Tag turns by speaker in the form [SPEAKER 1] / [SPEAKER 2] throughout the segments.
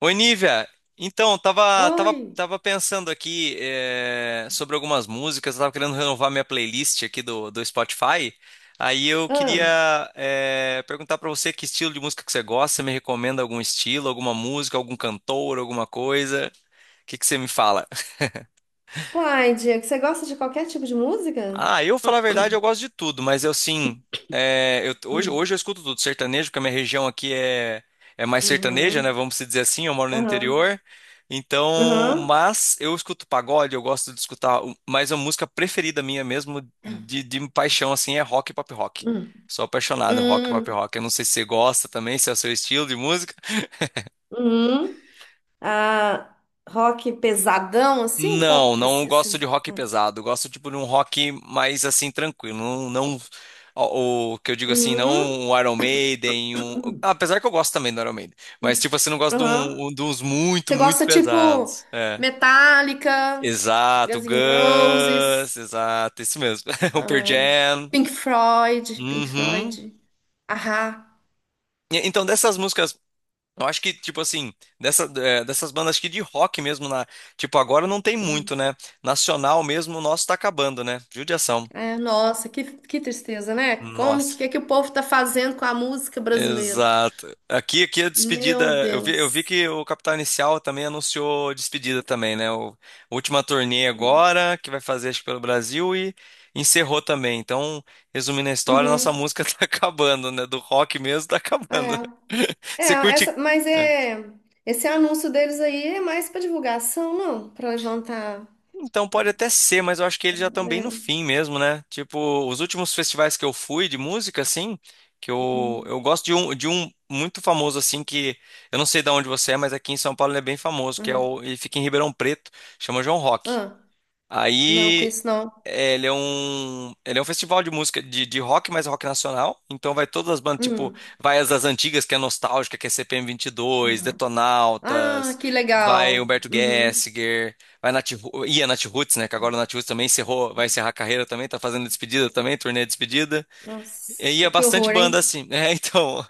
[SPEAKER 1] Oi, Nívia. Então, tava, tava,
[SPEAKER 2] Oi.
[SPEAKER 1] tava pensando aqui sobre algumas músicas, eu tava querendo renovar minha playlist aqui do Spotify. Aí eu queria
[SPEAKER 2] Ah,
[SPEAKER 1] perguntar pra você que estilo de música que você gosta, você me recomenda algum estilo, alguma música, algum cantor, alguma coisa? O que que você me fala?
[SPEAKER 2] uai, Diego, você gosta de qualquer tipo de música?
[SPEAKER 1] Ah, eu falar a verdade, eu gosto de tudo, mas eu sim. É, hoje,
[SPEAKER 2] Hum,
[SPEAKER 1] hoje eu escuto tudo sertanejo, porque a minha região aqui é mais sertaneja, né?
[SPEAKER 2] uhum,
[SPEAKER 1] Vamos se dizer assim, eu moro no
[SPEAKER 2] aham,
[SPEAKER 1] interior. Então,
[SPEAKER 2] aham,
[SPEAKER 1] mas eu escuto pagode, eu gosto de escutar, mas a música preferida minha mesmo, de paixão, assim, é rock e pop rock.
[SPEAKER 2] hum,
[SPEAKER 1] Sou apaixonado em rock e pop
[SPEAKER 2] hum,
[SPEAKER 1] rock. Eu não sei se você gosta também, se é o seu estilo de música.
[SPEAKER 2] uhum. Ah, rock pesadão, assim? Pop,
[SPEAKER 1] Não, não gosto de rock
[SPEAKER 2] hum,
[SPEAKER 1] pesado. Gosto tipo de um rock mais assim tranquilo. O que eu digo assim, não
[SPEAKER 2] uhum,
[SPEAKER 1] um Iron Maiden, um,
[SPEAKER 2] hum,
[SPEAKER 1] apesar que eu gosto também do Iron Maiden, mas
[SPEAKER 2] hum,
[SPEAKER 1] tipo assim, não gosto de,
[SPEAKER 2] aham.
[SPEAKER 1] de uns muito,
[SPEAKER 2] Você
[SPEAKER 1] muito
[SPEAKER 2] gosta, tipo,
[SPEAKER 1] pesados. É.
[SPEAKER 2] Metallica,
[SPEAKER 1] Exato,
[SPEAKER 2] Guns N' Roses,
[SPEAKER 1] Guns, exato, isso mesmo. O Pearl
[SPEAKER 2] ahn,
[SPEAKER 1] Jam.
[SPEAKER 2] Pink Floyd, Pink Floyd.
[SPEAKER 1] Uhum.
[SPEAKER 2] Ahá.
[SPEAKER 1] Então, dessas músicas, eu acho que, tipo assim, dessas bandas acho que de rock mesmo, na, tipo, agora não tem
[SPEAKER 2] Uhum.
[SPEAKER 1] muito, né? Nacional mesmo, o nosso tá acabando, né? Judiação.
[SPEAKER 2] É, nossa, que tristeza, né? Como
[SPEAKER 1] Nossa,
[SPEAKER 2] que o povo está fazendo com a música brasileira?
[SPEAKER 1] exato. Aqui a
[SPEAKER 2] Meu
[SPEAKER 1] despedida. Eu vi
[SPEAKER 2] Deus.
[SPEAKER 1] que o Capital Inicial também anunciou despedida também, né? A última turnê agora, que vai fazer acho que pelo Brasil e encerrou também. Então, resumindo a história, nossa
[SPEAKER 2] Uhum.
[SPEAKER 1] música tá acabando, né? Do rock mesmo tá acabando.
[SPEAKER 2] É, é,
[SPEAKER 1] Você curte.
[SPEAKER 2] essa, mas é esse anúncio deles aí é mais para divulgação, não? Para levantar.
[SPEAKER 1] Então pode até ser, mas eu acho que eles já estão bem no
[SPEAKER 2] É,
[SPEAKER 1] fim mesmo, né? Tipo, os últimos festivais que eu fui de música, assim, que eu,
[SPEAKER 2] uhum,
[SPEAKER 1] eu gosto de um muito famoso, assim, que eu não sei de onde você é, mas aqui em São Paulo ele é bem famoso,
[SPEAKER 2] uhum.
[SPEAKER 1] ele fica em Ribeirão Preto, chama João Rock.
[SPEAKER 2] Ah, não, com
[SPEAKER 1] Aí
[SPEAKER 2] isso não.
[SPEAKER 1] ele é um festival de música de rock, mas é rock nacional. Então vai todas as bandas, tipo,
[SPEAKER 2] Hum,
[SPEAKER 1] vai as das antigas, que é nostálgica, que é CPM 22,
[SPEAKER 2] uhum. Ah,
[SPEAKER 1] Detonautas,
[SPEAKER 2] que
[SPEAKER 1] vai
[SPEAKER 2] legal.
[SPEAKER 1] Humberto
[SPEAKER 2] Uhum.
[SPEAKER 1] Gessinger, vai ia Nat Roots, né? Que agora o Nat Roots também encerrou, vai encerrar a carreira também, tá fazendo despedida também, turnê de despedida. E
[SPEAKER 2] Nossa,
[SPEAKER 1] ia
[SPEAKER 2] que
[SPEAKER 1] bastante
[SPEAKER 2] horror,
[SPEAKER 1] banda
[SPEAKER 2] hein?
[SPEAKER 1] assim, né? Então,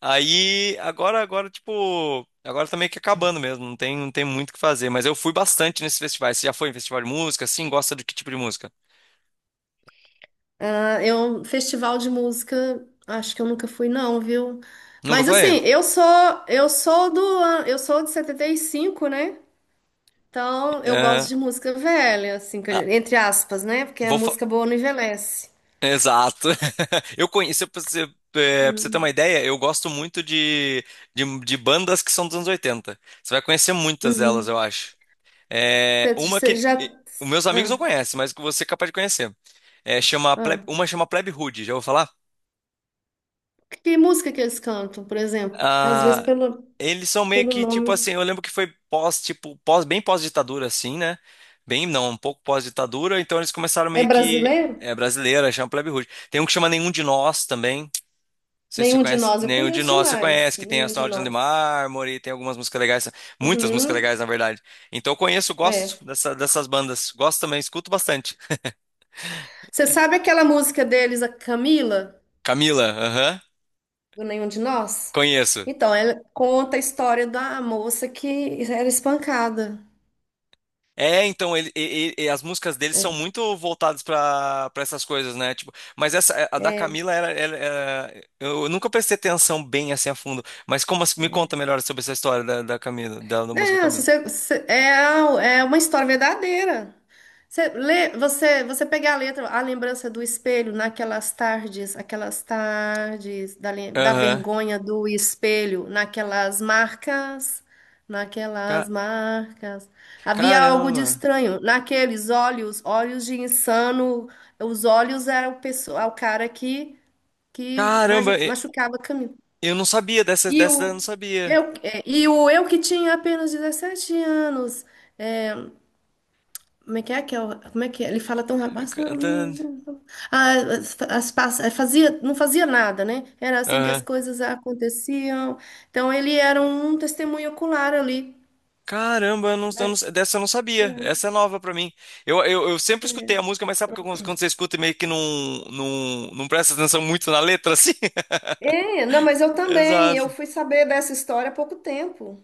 [SPEAKER 1] aí agora tipo, agora tá meio que acabando mesmo, não tem muito o que fazer, mas eu fui bastante nesses festivais. Você já foi em festival de música? Sim, gosta de que tipo de música?
[SPEAKER 2] Ah, é um festival de música, acho que eu nunca fui não, viu?
[SPEAKER 1] Nunca
[SPEAKER 2] Mas
[SPEAKER 1] foi?
[SPEAKER 2] assim, eu sou de 75, né? Então, eu gosto
[SPEAKER 1] É,
[SPEAKER 2] de música velha, assim,
[SPEAKER 1] ah,
[SPEAKER 2] entre aspas, né? Porque a
[SPEAKER 1] vou fa-
[SPEAKER 2] música boa não envelhece.
[SPEAKER 1] exato. Eu conheço, pra você ter uma
[SPEAKER 2] Hum,
[SPEAKER 1] ideia, eu gosto muito de bandas que são dos anos 80. Você vai conhecer muitas delas, eu
[SPEAKER 2] Uhum.
[SPEAKER 1] acho. É,
[SPEAKER 2] Você
[SPEAKER 1] uma
[SPEAKER 2] você
[SPEAKER 1] que.
[SPEAKER 2] já
[SPEAKER 1] e- Os meus amigos não
[SPEAKER 2] ah,
[SPEAKER 1] conhecem, mas que você é capaz de conhecer. É,
[SPEAKER 2] ah.
[SPEAKER 1] uma chama Plebe Hood, já vou falar?
[SPEAKER 2] Que música que eles cantam, por exemplo? Que às vezes
[SPEAKER 1] Ah,
[SPEAKER 2] pelo
[SPEAKER 1] eles são meio
[SPEAKER 2] pelo
[SPEAKER 1] que
[SPEAKER 2] nome
[SPEAKER 1] tipo assim, eu lembro que foi pós, tipo, pós, bem pós-ditadura assim, né? Bem, não, um pouco pós-ditadura, então eles começaram
[SPEAKER 2] é
[SPEAKER 1] meio que
[SPEAKER 2] brasileiro?
[SPEAKER 1] é brasileira, chama Plebe Rude. Tem um que chama Nenhum de Nós também. Não sei se você
[SPEAKER 2] Nenhum de
[SPEAKER 1] conhece,
[SPEAKER 2] Nós eu
[SPEAKER 1] Nenhum de
[SPEAKER 2] conheço
[SPEAKER 1] Nós você
[SPEAKER 2] demais,
[SPEAKER 1] conhece, que tem
[SPEAKER 2] Nenhum de
[SPEAKER 1] Astronauta de
[SPEAKER 2] Nós.
[SPEAKER 1] Mármore, tem algumas músicas legais, muitas músicas
[SPEAKER 2] Uhum.
[SPEAKER 1] legais na verdade. Então eu conheço,
[SPEAKER 2] É.
[SPEAKER 1] dessas bandas, gosto também, escuto bastante.
[SPEAKER 2] Você sabe aquela música deles, a Camila,
[SPEAKER 1] Camila, aham,
[SPEAKER 2] do Nenhum de Nós?
[SPEAKER 1] conheço.
[SPEAKER 2] Então, ela conta a história da moça que era espancada.
[SPEAKER 1] É, então e as músicas dele são muito voltadas para essas coisas, né? Tipo, mas essa é, a da
[SPEAKER 2] É,
[SPEAKER 1] Camila eu nunca prestei atenção bem assim a fundo. Mas me conta
[SPEAKER 2] é.
[SPEAKER 1] melhor sobre essa história da Camila, da música
[SPEAKER 2] É, se
[SPEAKER 1] Camila?
[SPEAKER 2] você, se- é, a- é uma história verdadeira. Você lê, você pega a letra, a lembrança do espelho naquelas tardes, aquelas tardes da, da
[SPEAKER 1] Aham.
[SPEAKER 2] vergonha do espelho, naquelas marcas, naquelas
[SPEAKER 1] Ca-
[SPEAKER 2] marcas. Havia algo de
[SPEAKER 1] caramba.
[SPEAKER 2] estranho naqueles olhos, olhos de insano. Os olhos eram o, pessoa, o cara que,
[SPEAKER 1] Caramba,
[SPEAKER 2] machucava a
[SPEAKER 1] eu não sabia dessa
[SPEAKER 2] e
[SPEAKER 1] dessa eu não
[SPEAKER 2] o
[SPEAKER 1] sabia.
[SPEAKER 2] e o eu que tinha apenas 17 anos. É, como é que é que é? Como é que é? Ele fala tão rápido.
[SPEAKER 1] Cantando.
[SPEAKER 2] Ah, fazia, não fazia nada, né? Era assim que as coisas aconteciam. Então ele era um testemunho ocular ali.
[SPEAKER 1] Caramba, eu
[SPEAKER 2] É,
[SPEAKER 1] não- dessa eu não sabia. Essa é nova pra mim. Eu sempre
[SPEAKER 2] é.
[SPEAKER 1] escutei a música, mas sabe que quando você escuta e meio que não presta atenção muito na letra, assim?
[SPEAKER 2] É, não, mas eu também. Eu
[SPEAKER 1] Exato.
[SPEAKER 2] fui saber dessa história há pouco tempo.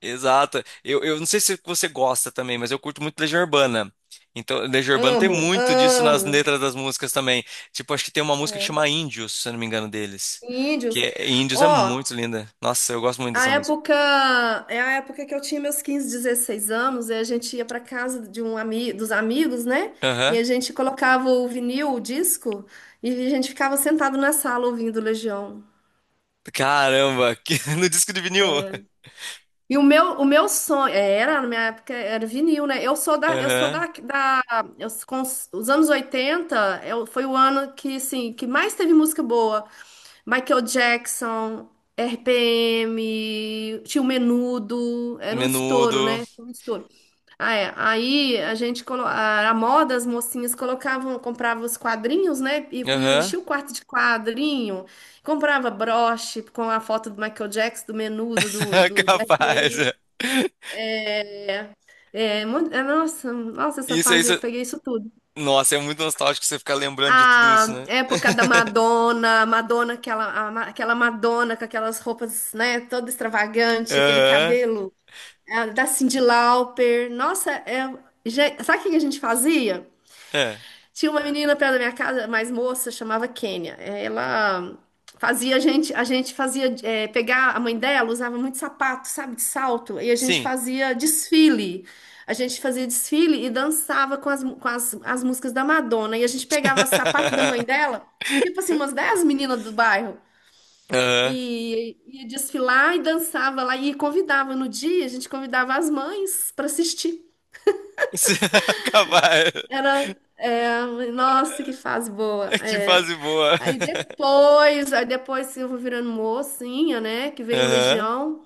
[SPEAKER 1] Exato. Eu não sei se você gosta também, mas eu curto muito Legião Urbana. Então, Legião Urbana tem
[SPEAKER 2] Amo,
[SPEAKER 1] muito disso nas
[SPEAKER 2] amo.
[SPEAKER 1] letras das músicas também. Tipo, acho que tem uma música que
[SPEAKER 2] É,
[SPEAKER 1] chama Índios, se eu não me engano, deles.
[SPEAKER 2] Índios.
[SPEAKER 1] Que é, Índios é
[SPEAKER 2] Ó,
[SPEAKER 1] muito linda. Nossa, eu gosto muito
[SPEAKER 2] a
[SPEAKER 1] dessa música.
[SPEAKER 2] época, é a época que eu tinha meus 15, 16 anos, e a gente ia para casa de um ami, dos amigos, né? E
[SPEAKER 1] Aham.
[SPEAKER 2] a gente colocava o vinil, o disco, e a gente ficava sentado na sala ouvindo Legião.
[SPEAKER 1] Caramba, no disco de vinil.
[SPEAKER 2] E o meu sonho, é, era, na minha época era vinil, né? Eu sou
[SPEAKER 1] Aham.
[SPEAKER 2] da, da eu, com os anos 80 eu, foi o ano que, assim, que mais teve música boa. Michael Jackson, RPM, tinha o Menudo, era um
[SPEAKER 1] Menudo.
[SPEAKER 2] estouro, né? Tinha um estouro. Ah, é. Aí a gente colo... a moda, as mocinhas colocavam, compravam os quadrinhos, né? E punham,
[SPEAKER 1] Aham.
[SPEAKER 2] enchia o quarto de quadrinho, comprava broche com a foto do Michael Jackson, do Menudo,
[SPEAKER 1] Capaz. É.
[SPEAKER 2] É, é, nossa, nossa, essa
[SPEAKER 1] Isso,
[SPEAKER 2] fase
[SPEAKER 1] isso.
[SPEAKER 2] eu peguei isso tudo.
[SPEAKER 1] Nossa, é muito nostálgico você ficar lembrando de tudo isso,
[SPEAKER 2] A
[SPEAKER 1] né?
[SPEAKER 2] época da Madonna, Madonna, aquela, aquela Madonna com aquelas roupas, né, toda extravagante, aquele
[SPEAKER 1] Aham.
[SPEAKER 2] cabelo, a da Cyndi Lauper. Nossa, é, sabe o que a gente fazia?
[SPEAKER 1] É.
[SPEAKER 2] Tinha uma menina perto da minha casa, mais moça, chamava Kênia. É, ela fazia a gente fazia é, pegar a mãe dela usava muito sapato, sabe, de salto, e a gente
[SPEAKER 1] Sim.
[SPEAKER 2] fazia desfile. A gente fazia desfile e dançava com as, as músicas da Madonna. E a gente pegava sapato da mãe dela, tipo assim, umas 10 meninas do bairro,
[SPEAKER 1] Aham.
[SPEAKER 2] e ia desfilar e dançava lá. E convidava no dia, a gente convidava as mães para assistir.
[SPEAKER 1] Capaz.
[SPEAKER 2] Era, é, nossa, que fase boa.
[SPEAKER 1] Que
[SPEAKER 2] É,
[SPEAKER 1] fase boa.
[SPEAKER 2] aí depois, aí depois eu vou virando mocinha, né? Que veio o
[SPEAKER 1] Aham.
[SPEAKER 2] Legião.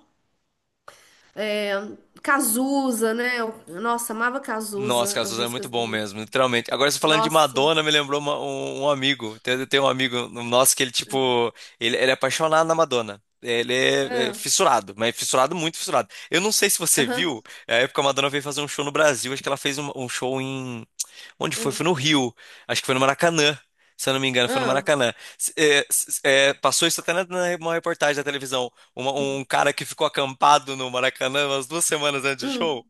[SPEAKER 2] Cazuza, né? Nossa, amava
[SPEAKER 1] Nossa,
[SPEAKER 2] Cazuza,
[SPEAKER 1] cara,
[SPEAKER 2] as
[SPEAKER 1] Suzano é muito
[SPEAKER 2] músicas
[SPEAKER 1] bom
[SPEAKER 2] dele.
[SPEAKER 1] mesmo, literalmente. Agora, você falando de
[SPEAKER 2] Nossa.
[SPEAKER 1] Madonna, me lembrou um amigo. Tem um amigo nosso que ele, tipo, ele é apaixonado na Madonna. Ele é
[SPEAKER 2] Ah,
[SPEAKER 1] fissurado, mas fissurado, muito fissurado. Eu não sei se você
[SPEAKER 2] aham.
[SPEAKER 1] viu, é a época que a Madonna veio fazer um show no Brasil. Acho que ela fez um show em. Onde foi? Foi no Rio. Acho que foi no Maracanã. Se eu não me engano, foi no
[SPEAKER 2] Ah, ah,
[SPEAKER 1] Maracanã. Passou isso até na, numa reportagem da televisão. Um
[SPEAKER 2] hum,
[SPEAKER 1] cara que ficou acampado no Maracanã umas 2 semanas antes do
[SPEAKER 2] hum.
[SPEAKER 1] show.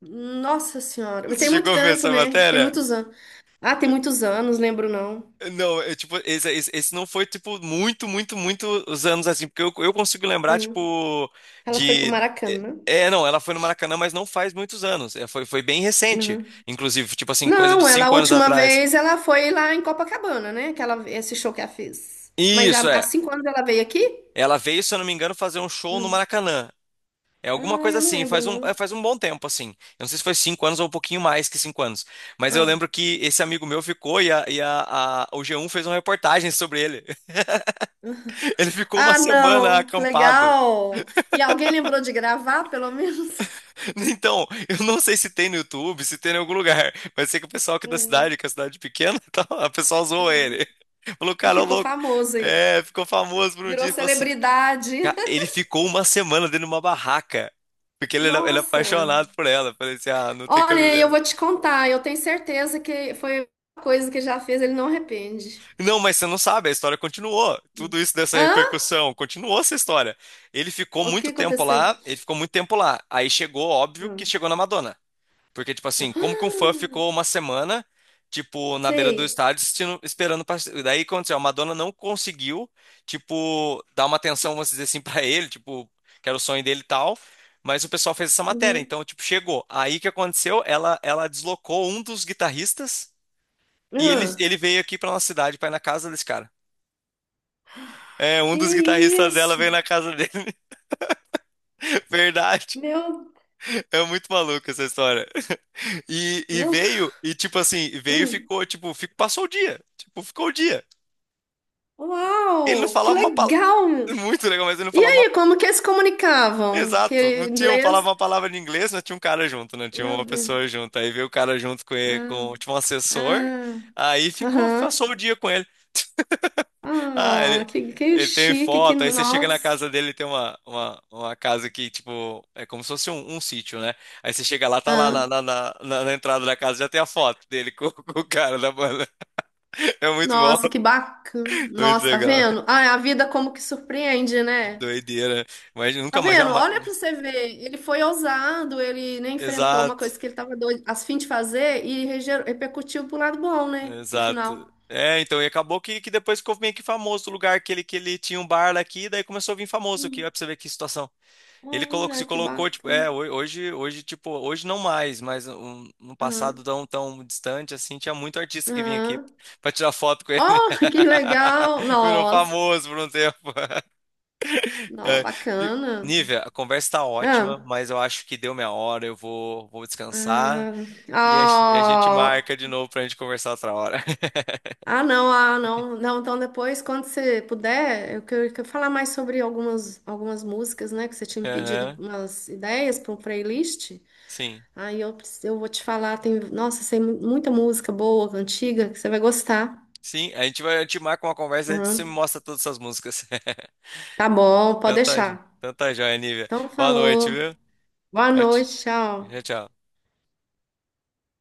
[SPEAKER 2] Nossa Senhora. Mas
[SPEAKER 1] Você
[SPEAKER 2] tem muito
[SPEAKER 1] chegou a ver
[SPEAKER 2] tempo,
[SPEAKER 1] essa
[SPEAKER 2] né? Tem
[SPEAKER 1] matéria?
[SPEAKER 2] muitos anos. Ah, tem muitos anos, lembro não.
[SPEAKER 1] Não, é tipo, esse não foi, tipo, muitos anos assim, porque eu consigo lembrar,
[SPEAKER 2] Uhum.
[SPEAKER 1] tipo,
[SPEAKER 2] Ela foi pro
[SPEAKER 1] de.
[SPEAKER 2] Maracanã.
[SPEAKER 1] Não, ela foi no Maracanã, mas não faz muitos anos. É, foi bem recente,
[SPEAKER 2] Uhum.
[SPEAKER 1] inclusive, tipo assim, coisa de
[SPEAKER 2] Não, ela a
[SPEAKER 1] 5 anos
[SPEAKER 2] última
[SPEAKER 1] atrás.
[SPEAKER 2] vez ela foi lá em Copacabana, né? Que ela, esse show que ela fez. Mas há,
[SPEAKER 1] Isso,
[SPEAKER 2] há
[SPEAKER 1] é.
[SPEAKER 2] 5 anos ela veio aqui?
[SPEAKER 1] Ela veio, se eu não me engano, fazer um show no Maracanã. É alguma
[SPEAKER 2] Ah,
[SPEAKER 1] coisa
[SPEAKER 2] eu não
[SPEAKER 1] assim,
[SPEAKER 2] lembro, não.
[SPEAKER 1] faz um bom tempo, assim. Eu não sei se foi 5 anos ou um pouquinho mais que 5 anos. Mas eu
[SPEAKER 2] Ah.
[SPEAKER 1] lembro que esse amigo meu ficou o G1 fez uma reportagem sobre ele. Ele ficou uma
[SPEAKER 2] Ah,
[SPEAKER 1] semana
[SPEAKER 2] não, que
[SPEAKER 1] acampado.
[SPEAKER 2] legal! E alguém lembrou de gravar, pelo menos?
[SPEAKER 1] Então, eu não sei se tem no YouTube, se tem em algum lugar, mas sei que o pessoal aqui da
[SPEAKER 2] Hum,
[SPEAKER 1] cidade, que é a cidade pequena, tá, a pessoa zoou
[SPEAKER 2] uhum.
[SPEAKER 1] ele. Falou,
[SPEAKER 2] Ele
[SPEAKER 1] cara, ô
[SPEAKER 2] ficou
[SPEAKER 1] louco.
[SPEAKER 2] famoso aí,
[SPEAKER 1] É, ficou famoso por um
[SPEAKER 2] virou
[SPEAKER 1] dia. Falou assim,
[SPEAKER 2] celebridade.
[SPEAKER 1] Ele ficou uma semana dentro de uma barraca, porque ele era, ele é
[SPEAKER 2] Nossa!
[SPEAKER 1] apaixonado por ela. Eu falei assim, ah, não tem
[SPEAKER 2] Olha, eu vou
[SPEAKER 1] cabimento.
[SPEAKER 2] te contar, eu tenho certeza que foi uma coisa que já fez, ele não arrepende.
[SPEAKER 1] Não, mas você não sabe, a história continuou. Tudo isso dessa
[SPEAKER 2] Hã?
[SPEAKER 1] repercussão, continuou essa história. Ele ficou
[SPEAKER 2] O que
[SPEAKER 1] muito tempo
[SPEAKER 2] aconteceu?
[SPEAKER 1] lá, ele ficou muito tempo lá. Aí chegou, óbvio, que
[SPEAKER 2] Hum.
[SPEAKER 1] chegou na Madonna. Porque, tipo assim,
[SPEAKER 2] Ah,
[SPEAKER 1] como que um fã ficou uma semana, tipo, na beira do
[SPEAKER 2] sei.
[SPEAKER 1] estádio esperando pra... Daí aconteceu, a Madonna não conseguiu, tipo, dar uma atenção, vamos dizer assim, pra ele, tipo, que era o sonho dele e tal. Mas o pessoal fez essa matéria,
[SPEAKER 2] Uhum.
[SPEAKER 1] então, tipo, chegou. Aí o que aconteceu? Ela deslocou um dos guitarristas e ele,
[SPEAKER 2] Uhum.
[SPEAKER 1] ele veio aqui pra nossa cidade, pra ir na casa desse cara. É, um
[SPEAKER 2] Que
[SPEAKER 1] dos guitarristas dela
[SPEAKER 2] isso?
[SPEAKER 1] veio na casa dele. Verdade.
[SPEAKER 2] Meu.
[SPEAKER 1] É muito maluco essa história. E
[SPEAKER 2] Não.
[SPEAKER 1] veio, e tipo assim, veio e
[SPEAKER 2] Hum.
[SPEAKER 1] ficou, tipo, passou o dia. Tipo, ficou o dia. Ele não
[SPEAKER 2] Uau! Que
[SPEAKER 1] falava uma palavra.
[SPEAKER 2] legal!
[SPEAKER 1] Muito legal, mas ele não
[SPEAKER 2] E
[SPEAKER 1] falava uma
[SPEAKER 2] aí,
[SPEAKER 1] palavra.
[SPEAKER 2] como que eles se comunicavam?
[SPEAKER 1] Exato. Não
[SPEAKER 2] Que
[SPEAKER 1] tinha, falava
[SPEAKER 2] inglês?
[SPEAKER 1] uma palavra em inglês, não tinha um cara junto, não tinha
[SPEAKER 2] Meu
[SPEAKER 1] uma
[SPEAKER 2] Deus.
[SPEAKER 1] pessoa junto. Aí veio o cara junto com ele,
[SPEAKER 2] Ah,
[SPEAKER 1] com, tipo, um assessor.
[SPEAKER 2] ah,
[SPEAKER 1] Aí ficou,
[SPEAKER 2] aham.
[SPEAKER 1] passou o dia com ele. Ah,
[SPEAKER 2] Ah,
[SPEAKER 1] ele,
[SPEAKER 2] que
[SPEAKER 1] ele tem
[SPEAKER 2] chique, que
[SPEAKER 1] foto. Aí você chega na
[SPEAKER 2] nossa.
[SPEAKER 1] casa dele, tem uma casa que, tipo, é como se fosse um sítio, né? Aí você chega lá, tá lá
[SPEAKER 2] Ah,
[SPEAKER 1] na entrada da casa, já tem a foto dele com, com o cara da banda. É muito bom.
[SPEAKER 2] nossa, que bacana.
[SPEAKER 1] Muito
[SPEAKER 2] Nossa, tá
[SPEAKER 1] legal.
[SPEAKER 2] vendo? Ah, a vida como que surpreende,
[SPEAKER 1] Que
[SPEAKER 2] né?
[SPEAKER 1] doideira. Mas
[SPEAKER 2] Tá
[SPEAKER 1] nunca mais
[SPEAKER 2] vendo?
[SPEAKER 1] jamais.
[SPEAKER 2] Olha pra você ver. Ele foi ousado, ele nem enfrentou uma
[SPEAKER 1] Exato.
[SPEAKER 2] coisa que ele tava doido, a fim de fazer e repercutiu pro lado bom, né? No
[SPEAKER 1] Exato.
[SPEAKER 2] final.
[SPEAKER 1] É, então, e acabou que depois ficou meio que famoso o lugar que ele tinha um bar lá aqui, daí começou a vir famoso aqui,
[SPEAKER 2] Hum,
[SPEAKER 1] ó, pra você ver que situação. Ele colocou,
[SPEAKER 2] olha,
[SPEAKER 1] se
[SPEAKER 2] que
[SPEAKER 1] colocou, tipo,
[SPEAKER 2] bacana.
[SPEAKER 1] é, hoje não mais, mas no passado
[SPEAKER 2] Aham,
[SPEAKER 1] tão, tão distante, assim, tinha muito artista que vinha aqui
[SPEAKER 2] aham.
[SPEAKER 1] pra tirar foto com ele.
[SPEAKER 2] Oh, que legal!
[SPEAKER 1] Virou
[SPEAKER 2] Nossa,
[SPEAKER 1] famoso por um tempo.
[SPEAKER 2] não,
[SPEAKER 1] É, viu?
[SPEAKER 2] bacana.
[SPEAKER 1] Nívia, a conversa tá ótima,
[SPEAKER 2] Ah,
[SPEAKER 1] mas eu acho que deu minha hora, vou descansar e a gente
[SPEAKER 2] ah,
[SPEAKER 1] marca de
[SPEAKER 2] oh.
[SPEAKER 1] novo pra gente conversar outra hora.
[SPEAKER 2] Ah, não, ah, não, não. Então depois, quando você puder, eu quero, quero falar mais sobre algumas, algumas músicas, né? Que você tinha me pedido
[SPEAKER 1] Aham,
[SPEAKER 2] umas ideias para um playlist.
[SPEAKER 1] sim.
[SPEAKER 2] Aí eu, eu vou te falar, tem, nossa, tem muita música boa, antiga, que você vai gostar.
[SPEAKER 1] Sim, a gente vai, a gente marca uma conversa e a gente se
[SPEAKER 2] Aham.
[SPEAKER 1] mostra todas essas músicas.
[SPEAKER 2] Tá bom, pode
[SPEAKER 1] Então tá,
[SPEAKER 2] deixar.
[SPEAKER 1] então tá joia, Nívia.
[SPEAKER 2] Então
[SPEAKER 1] Boa noite,
[SPEAKER 2] falou.
[SPEAKER 1] viu?
[SPEAKER 2] Boa
[SPEAKER 1] Tchau, tchau.
[SPEAKER 2] noite, tchau.
[SPEAKER 1] Tchau. Tchau.